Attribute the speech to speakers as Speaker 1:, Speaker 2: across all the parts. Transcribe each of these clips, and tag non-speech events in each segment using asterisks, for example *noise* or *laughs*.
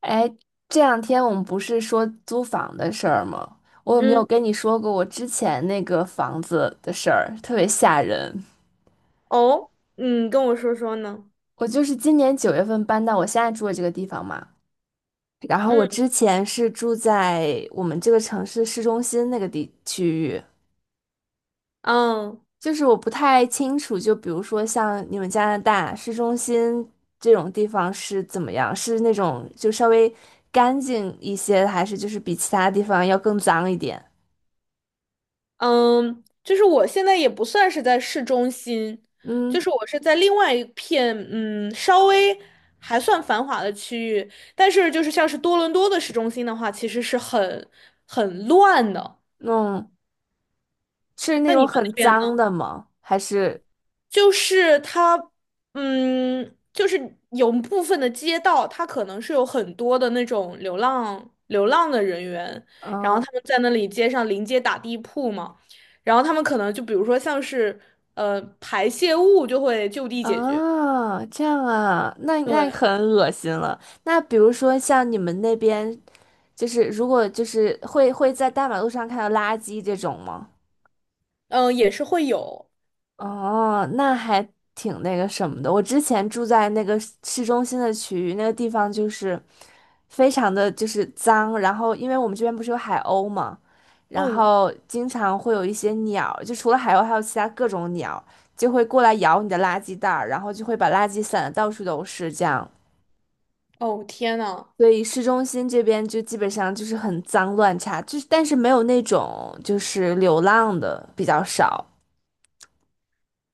Speaker 1: 哎，这两天我们不是说租房的事儿吗？我有没有
Speaker 2: 嗯。
Speaker 1: 跟你说过我之前那个房子的事儿，特别吓人。
Speaker 2: 哦。嗯，跟我说说呢。
Speaker 1: 我就是今年九月份搬到我现在住的这个地方嘛，然后我
Speaker 2: 嗯
Speaker 1: 之前是住在我们这个城市市中心那个地区域，
Speaker 2: 嗯
Speaker 1: 就是我不太清楚，就比如说像你们加拿大市中心这种地方是怎么样，是那种就稍微干净一些，还是就是比其他地方要更脏一点？
Speaker 2: 我现在也不算是在市中心，
Speaker 1: 嗯。
Speaker 2: 就是我是在另外一片稍微还算繁华的区域，但是就是像是多伦多的市中心的话，其实是很乱的。
Speaker 1: 嗯，是那
Speaker 2: 那
Speaker 1: 种
Speaker 2: 你们
Speaker 1: 很
Speaker 2: 那边？
Speaker 1: 脏的吗？还是
Speaker 2: 就是它，嗯，就是有部分的街道，它可能是有很多的那种流浪的人员，然
Speaker 1: 嗯
Speaker 2: 后他们在那里街上临街打地铺嘛，然后他们可能就比如说像是排泄物就会就地解决。
Speaker 1: 啊，这样啊，那
Speaker 2: 对。
Speaker 1: 很恶心了。那比如说像你们那边，就是如果就是会在大马路上看到垃圾这种吗？
Speaker 2: 嗯，也是会有。
Speaker 1: 哦，那还挺那个什么的。我之前住在那个市中心的区域，那个地方就是非常的就是脏，然后因为我们这边不是有海鸥嘛，然
Speaker 2: 嗯。
Speaker 1: 后经常会有一些鸟，就除了海鸥还有其他各种鸟，就会过来咬你的垃圾袋儿，然后就会把垃圾散的到处都是这样。
Speaker 2: 哦，天呐。
Speaker 1: 所以市中心这边就基本上就是很脏乱差，就是但是没有那种就是流浪的比较少，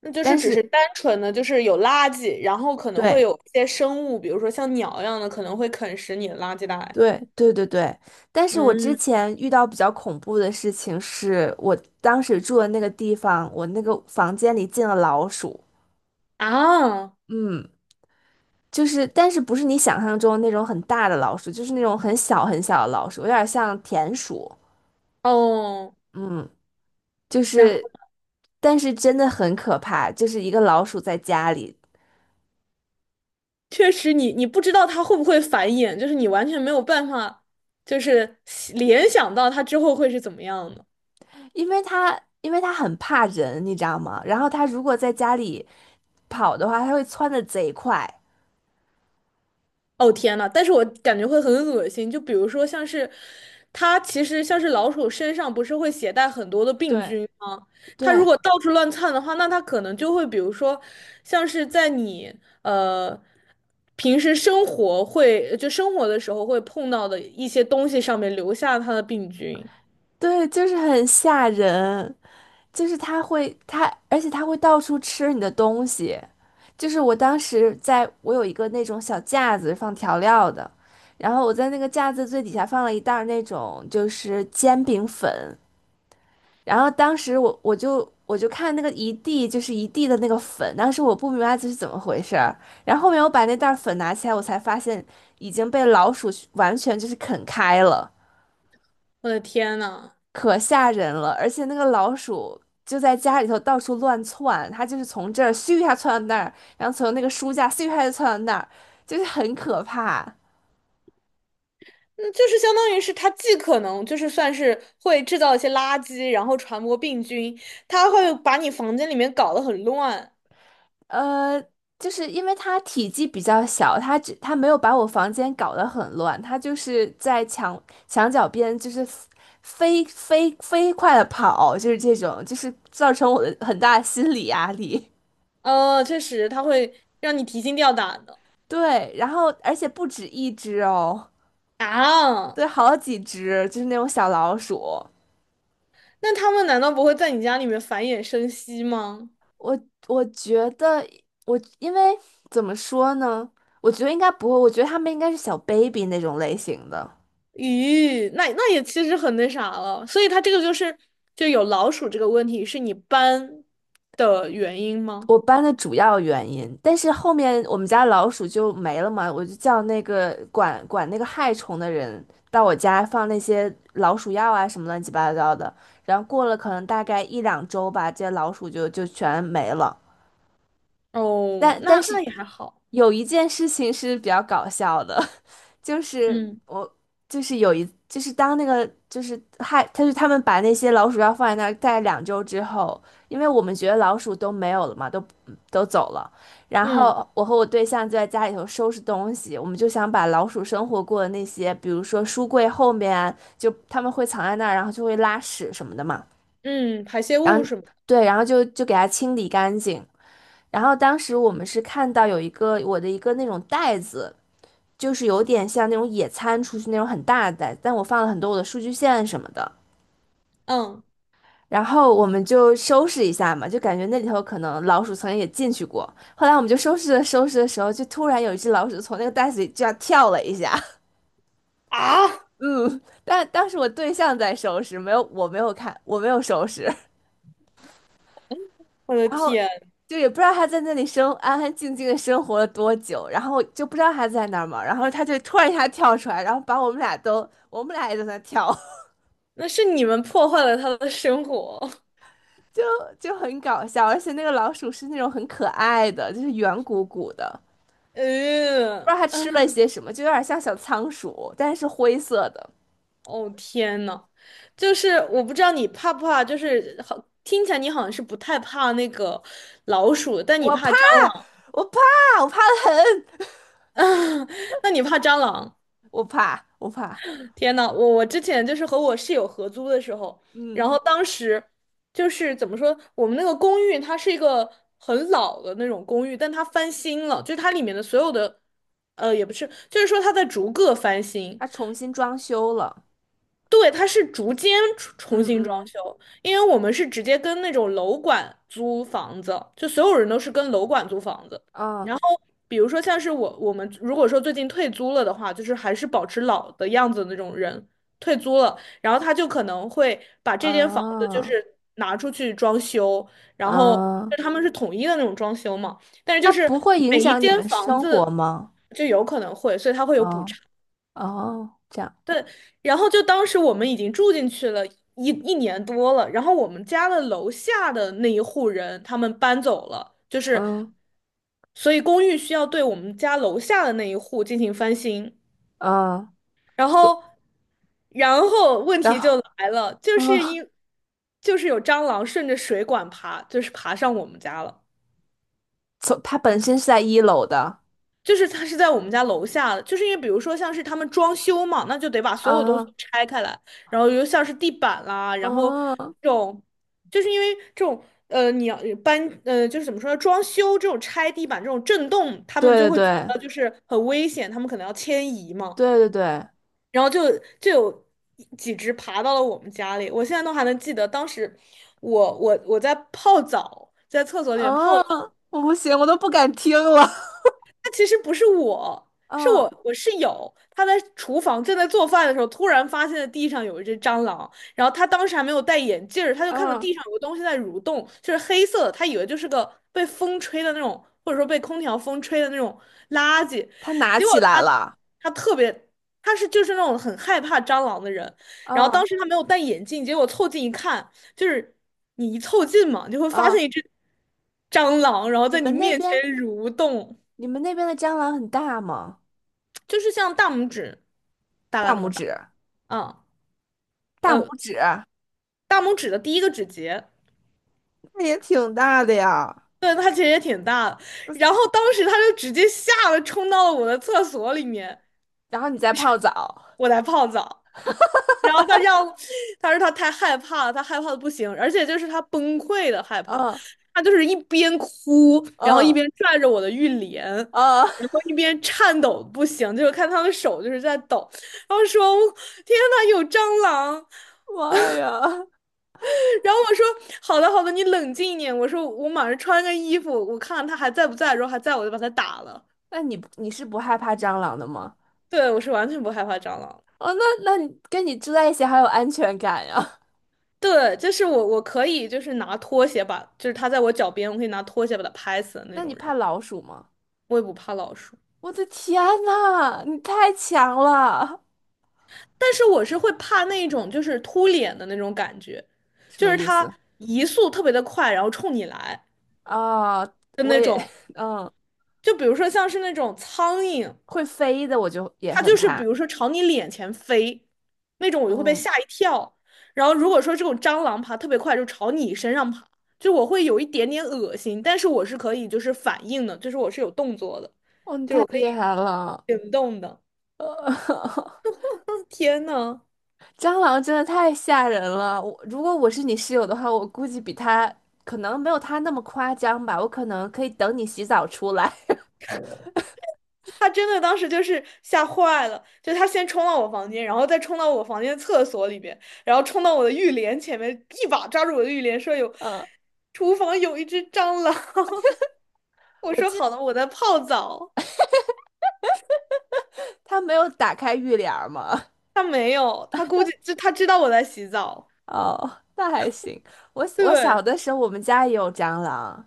Speaker 2: 那就是
Speaker 1: 但
Speaker 2: 只
Speaker 1: 是
Speaker 2: 是单纯的，就是有垃圾，然后可能会
Speaker 1: 对。
Speaker 2: 有一些生物，比如说像鸟一样的，可能会啃食你的垃圾袋。
Speaker 1: 对，但是我之
Speaker 2: 嗯。
Speaker 1: 前遇到比较恐怖的事情是，我当时住的那个地方，我那个房间里进了老鼠。
Speaker 2: 啊。
Speaker 1: 嗯，就是，但是不是你想象中那种很大的老鼠，就是那种很小的老鼠，有点像田鼠。
Speaker 2: 哦，
Speaker 1: 嗯，就
Speaker 2: 然后
Speaker 1: 是，但是真的很可怕，就是一个老鼠在家里，
Speaker 2: 确实你不知道它会不会繁衍，就是你完全没有办法，就是联想到它之后会是怎么样的。
Speaker 1: 因为它很怕人，你知道吗？然后它如果在家里跑的话，它会窜的贼快。
Speaker 2: 哦，天呐。但是我感觉会很恶心，就比如说像是它其实像是老鼠身上不是会携带很多的病
Speaker 1: 对
Speaker 2: 菌吗？它如
Speaker 1: 对，
Speaker 2: 果到处乱窜的话，那它可能就会比如说像是在你呃。平时生活会，就生活的时候会碰到的一些东西上面留下它的病菌。
Speaker 1: 对，就是很吓人，就是它会它，而且它会到处吃你的东西。就是我当时在，我有一个那种小架子放调料的，然后我在那个架子最底下放了一袋儿那种就是煎饼粉，然后当时我就看那个一地就是一地的那个粉，当时我不明白这是怎么回事儿，然后后面我把那袋儿粉拿起来，我才发现已经被老鼠完全就是啃开了。
Speaker 2: 我的天呐！
Speaker 1: 可吓人了，而且那个老鼠就在家里头到处乱窜，它就是从这儿咻一下窜到那儿，然后从那个书架咻一下就窜到那儿，就是很可怕。
Speaker 2: 那就是相当于是它既可能就是算是会制造一些垃圾，然后传播病菌，它会把你房间里面搞得很乱。
Speaker 1: 呃，就是因为它体积比较小，它没有把我房间搞得很乱，它就是在墙角边就是飞快的跑，就是这种，就是造成我的很大的心理压力。
Speaker 2: 确实，它会让你提心吊胆的。
Speaker 1: *laughs* 对，然后而且不止一只哦。
Speaker 2: 啊，
Speaker 1: 对，好几只，就是那种小老鼠。
Speaker 2: 那他们难道不会在你家里面繁衍生息吗？
Speaker 1: 我我觉得我因为怎么说呢？我觉得应该不会，我觉得他们应该是小 baby 那种类型的。
Speaker 2: 咦，那那也其实很那啥了。所以它这个就有老鼠这个问题，是你搬的原因吗？
Speaker 1: 我搬的主要原因，但是后面我们家老鼠就没了嘛，我就叫那个管那个害虫的人到我家放那些老鼠药啊什么乱七八糟的，然后过了可能大概一两周吧，这些老鼠就全没了。
Speaker 2: 哦，
Speaker 1: 但
Speaker 2: 那
Speaker 1: 但
Speaker 2: 那
Speaker 1: 是
Speaker 2: 也还好。
Speaker 1: 有一件事情是比较搞笑的，*laughs* 就是
Speaker 2: 嗯
Speaker 1: 我就是有一就是当那个就是害，他就他们把那些老鼠药放在那儿待两周之后，因为我们觉得老鼠都没有了嘛，都都走了，然
Speaker 2: 嗯。
Speaker 1: 后我和我对象就在家里头收拾东西，我们就想把老鼠生活过的那些，比如说书柜后面啊，就他们会藏在那儿，然后就会拉屎什么的嘛，
Speaker 2: 嗯，排泄
Speaker 1: 然
Speaker 2: 物
Speaker 1: 后
Speaker 2: 什么。
Speaker 1: 对，然后就给它清理干净。然后当时我们是看到有一个我的一个那种袋子，就是有点像那种野餐出去那种很大的袋子，但我放了很多我的数据线什么的。
Speaker 2: 嗯。
Speaker 1: 然后我们就收拾一下嘛，就感觉那里头可能老鼠曾经也进去过。后来我们就收拾的时候，就突然有一只老鼠从那个袋子里这样跳了一下。
Speaker 2: 啊。
Speaker 1: 嗯，但当时我对象在收拾，没有我没有看，我没有收拾。
Speaker 2: 我的
Speaker 1: 然后
Speaker 2: 天，
Speaker 1: 就也不知道他在那里生安安静静的生活了多久，然后就不知道他在那儿嘛，然后他就突然一下跳出来，然后把我们俩都，我们俩也在那跳，
Speaker 2: 那是你们破坏了他的生活。
Speaker 1: *laughs* 就就很搞笑，而且那个老鼠是那种很可爱的，就是圆鼓鼓的，
Speaker 2: *laughs*
Speaker 1: 不知道它
Speaker 2: 嗯。
Speaker 1: 吃了些什么，就有点像小仓鼠，但是灰色的。
Speaker 2: 哦，天呐，就是我不知道你怕不怕，听起来你好像是不太怕那个老鼠，但你
Speaker 1: 我
Speaker 2: 怕
Speaker 1: 怕，
Speaker 2: 蟑螂。
Speaker 1: 我怕，我怕的很，
Speaker 2: *laughs* 那你怕蟑螂？
Speaker 1: 我怕，我怕，
Speaker 2: 天呐，我之前就是和我室友合租的时候，
Speaker 1: 嗯，
Speaker 2: 然后当时就是怎么说，我们那个公寓它是一个很老的那种公寓，但它翻新了，就是它里面的所有的，呃，也不是，就是说它在逐个翻新。
Speaker 1: 它重新装修了，
Speaker 2: 对，它是逐间重
Speaker 1: 嗯
Speaker 2: 新装
Speaker 1: 嗯，
Speaker 2: 修，因为我们是直接跟那种楼管租房子，就所有人都是跟楼管租房子。
Speaker 1: 嗯
Speaker 2: 然后，比如说像是我们如果说最近退租了的话，就是还是保持老的样子的那种人退租了，然后他就可能会把这间房子就
Speaker 1: 嗯
Speaker 2: 是拿出去装修，然后
Speaker 1: 嗯。
Speaker 2: 就他们是统一的那种装修嘛，但是就
Speaker 1: 那
Speaker 2: 是
Speaker 1: 不会影
Speaker 2: 每一
Speaker 1: 响你
Speaker 2: 间
Speaker 1: 们
Speaker 2: 房
Speaker 1: 生活
Speaker 2: 子
Speaker 1: 吗？
Speaker 2: 就有可能会，所以他会有补
Speaker 1: 哦
Speaker 2: 偿。
Speaker 1: 哦，这样，
Speaker 2: 对，然后就当时我们已经住进去了一年多了，然后我们家的楼下的那一户人他们搬走了，就是
Speaker 1: 嗯
Speaker 2: 所以公寓需要对我们家楼下的那一户进行翻新，
Speaker 1: 嗯，
Speaker 2: 然
Speaker 1: 所
Speaker 2: 后然后问
Speaker 1: 然
Speaker 2: 题就
Speaker 1: 后
Speaker 2: 来了，就
Speaker 1: 嗯，
Speaker 2: 是因就是有蟑螂顺着水管爬，就是爬上我们家了。
Speaker 1: 所他本身是在一楼的
Speaker 2: 就是它是在我们家楼下的，就是因为比如说像是他们装修嘛，那就得把所有东西
Speaker 1: 啊，
Speaker 2: 拆开来，然后又像是地板啦，然后
Speaker 1: 嗯，
Speaker 2: 这种，就是因为这种你要就是怎么说呢，装修这种拆地板这种震动，他们就
Speaker 1: 对
Speaker 2: 会觉
Speaker 1: 对
Speaker 2: 得就是很危险，他们可能要迁移嘛，
Speaker 1: 对，
Speaker 2: 然后就就有几只爬到了我们家里，我现在都还能记得当时我我在泡澡，在厕所里面泡澡。
Speaker 1: 嗯，我不行，我都不敢听了，
Speaker 2: 他其实不是我，
Speaker 1: *laughs*
Speaker 2: 是
Speaker 1: 嗯
Speaker 2: 我室友，他在厨房正在做饭的时候，突然发现了地上有一只蟑螂，然后他当时还没有戴眼镜儿他就看到
Speaker 1: 嗯，
Speaker 2: 地上有个东西在蠕动，就是黑色的，他以为就是个被风吹的那种，或者说被空调风吹的那种垃圾，
Speaker 1: 他拿
Speaker 2: 结果
Speaker 1: 起来
Speaker 2: 他
Speaker 1: 了，
Speaker 2: 他特别。他是就是那种很害怕蟑螂的人，然后当
Speaker 1: 嗯
Speaker 2: 时他没有戴眼镜，结果凑近一看，就是你一凑近嘛，你就会发
Speaker 1: 嗯，
Speaker 2: 现一只蟑螂，然后
Speaker 1: 你
Speaker 2: 在你
Speaker 1: 们那
Speaker 2: 面前
Speaker 1: 边
Speaker 2: 蠕动。
Speaker 1: 你们那边的蟑螂很大吗？
Speaker 2: 就是像大拇指大概
Speaker 1: 大
Speaker 2: 那
Speaker 1: 拇
Speaker 2: 么大。
Speaker 1: 指，
Speaker 2: 嗯。
Speaker 1: 大拇
Speaker 2: 呃，
Speaker 1: 指，
Speaker 2: 大拇指的第一个指节。
Speaker 1: 那也挺大的呀。
Speaker 2: 对，它其实也挺大的。然后当时他就直接吓得冲到了我的厕所里面，
Speaker 1: 然后你再泡澡，
Speaker 2: 我在泡澡。然后他要，他说他太害怕了，他害怕的不行，而且就是他崩溃的害怕，
Speaker 1: 嗯
Speaker 2: 他就是一边哭，然后一
Speaker 1: 嗯。
Speaker 2: 边拽着我的浴帘，
Speaker 1: 啊，
Speaker 2: 然后一边颤抖得不行，就是看他的手就是在抖，然后说天呐，有蟑螂！
Speaker 1: *laughs* 妈呀！
Speaker 2: 然后我说好的好的，你冷静一点。我说我马上穿个衣服，我看看他还在不在。如果还在，我就把他打了。
Speaker 1: 那你是不害怕蟑螂的吗？
Speaker 2: 对，我是完全不害怕蟑螂。
Speaker 1: 哦，那那你跟你住在一起好有安全感呀。
Speaker 2: 对，就是我可以就是拿拖鞋把，就是他在我脚边，我可以拿拖鞋把他拍死的
Speaker 1: *laughs*
Speaker 2: 那
Speaker 1: 那
Speaker 2: 种
Speaker 1: 你怕
Speaker 2: 人。
Speaker 1: 老鼠吗？
Speaker 2: 我也不怕老鼠，
Speaker 1: 我的天呐，你太强了！
Speaker 2: 但是我是会怕那种就是突脸的那种感觉，
Speaker 1: 什
Speaker 2: 就
Speaker 1: 么
Speaker 2: 是
Speaker 1: 意
Speaker 2: 它
Speaker 1: 思？
Speaker 2: 移速特别的快，然后冲你来
Speaker 1: 啊、
Speaker 2: 的
Speaker 1: 我
Speaker 2: 那
Speaker 1: 也，
Speaker 2: 种。
Speaker 1: *laughs* 嗯，
Speaker 2: 就比如说像是那种苍蝇，
Speaker 1: 会飞的我就也
Speaker 2: 它
Speaker 1: 很
Speaker 2: 就是比
Speaker 1: 怕。
Speaker 2: 如说朝你脸前飞，那种我就会被
Speaker 1: 嗯，
Speaker 2: 吓一跳。然后如果说这种蟑螂爬特别快，就朝你身上爬，就我会有一点点恶心，但是我是可以就是反应的，就是我是有动作的，
Speaker 1: 哦，你
Speaker 2: 就是
Speaker 1: 太
Speaker 2: 我可
Speaker 1: 厉
Speaker 2: 以
Speaker 1: 害了！
Speaker 2: 行动的。
Speaker 1: *laughs*
Speaker 2: 天呐，
Speaker 1: 蟑螂真的太吓人了。如果我是你室友的话，我估计比他可能没有他那么夸张吧，我可能可以等你洗澡出来。
Speaker 2: 他真的当时就是吓坏了，就他先冲到我房间，然后再冲到我房间厕所里边，然后冲到我的浴帘前面，一把抓住我的浴帘，说
Speaker 1: *laughs* 嗯。
Speaker 2: 厨房有一只蟑螂。*laughs* 我
Speaker 1: 我
Speaker 2: 说
Speaker 1: 记得
Speaker 2: 好了，我在泡澡。
Speaker 1: 他没有打开浴帘儿吗？
Speaker 2: 他没有，他估计就他知道我在洗澡。
Speaker 1: *laughs* 哦，那还行。我小
Speaker 2: 对。
Speaker 1: 的时候，我们家也有蟑螂，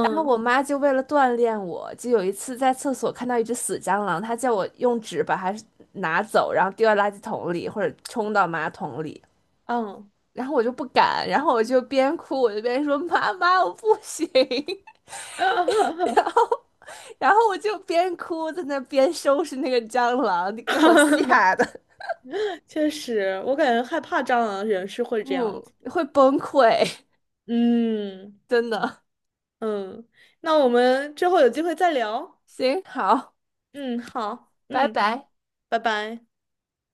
Speaker 1: 然后我妈就为了锻炼我，就有一次在厕所看到一只死蟑螂，她叫我用纸把它拿走，然后丢到垃圾桶里或者冲到马桶里，
Speaker 2: 嗯。
Speaker 1: 然后我就不敢，然后我就边哭边说妈妈我不行，*laughs* 然后我就边哭在那边收拾那个蟑螂，你给我吓
Speaker 2: *laughs*
Speaker 1: 的，
Speaker 2: 确实，我感觉害怕蟑螂的人是
Speaker 1: *laughs*
Speaker 2: 会这样
Speaker 1: 嗯，
Speaker 2: 子。
Speaker 1: 会崩溃，
Speaker 2: 嗯
Speaker 1: 真的。
Speaker 2: 嗯，那我们之后有机会再聊。
Speaker 1: 行，好。
Speaker 2: 嗯，好，
Speaker 1: 拜
Speaker 2: 嗯，
Speaker 1: 拜。
Speaker 2: 拜拜。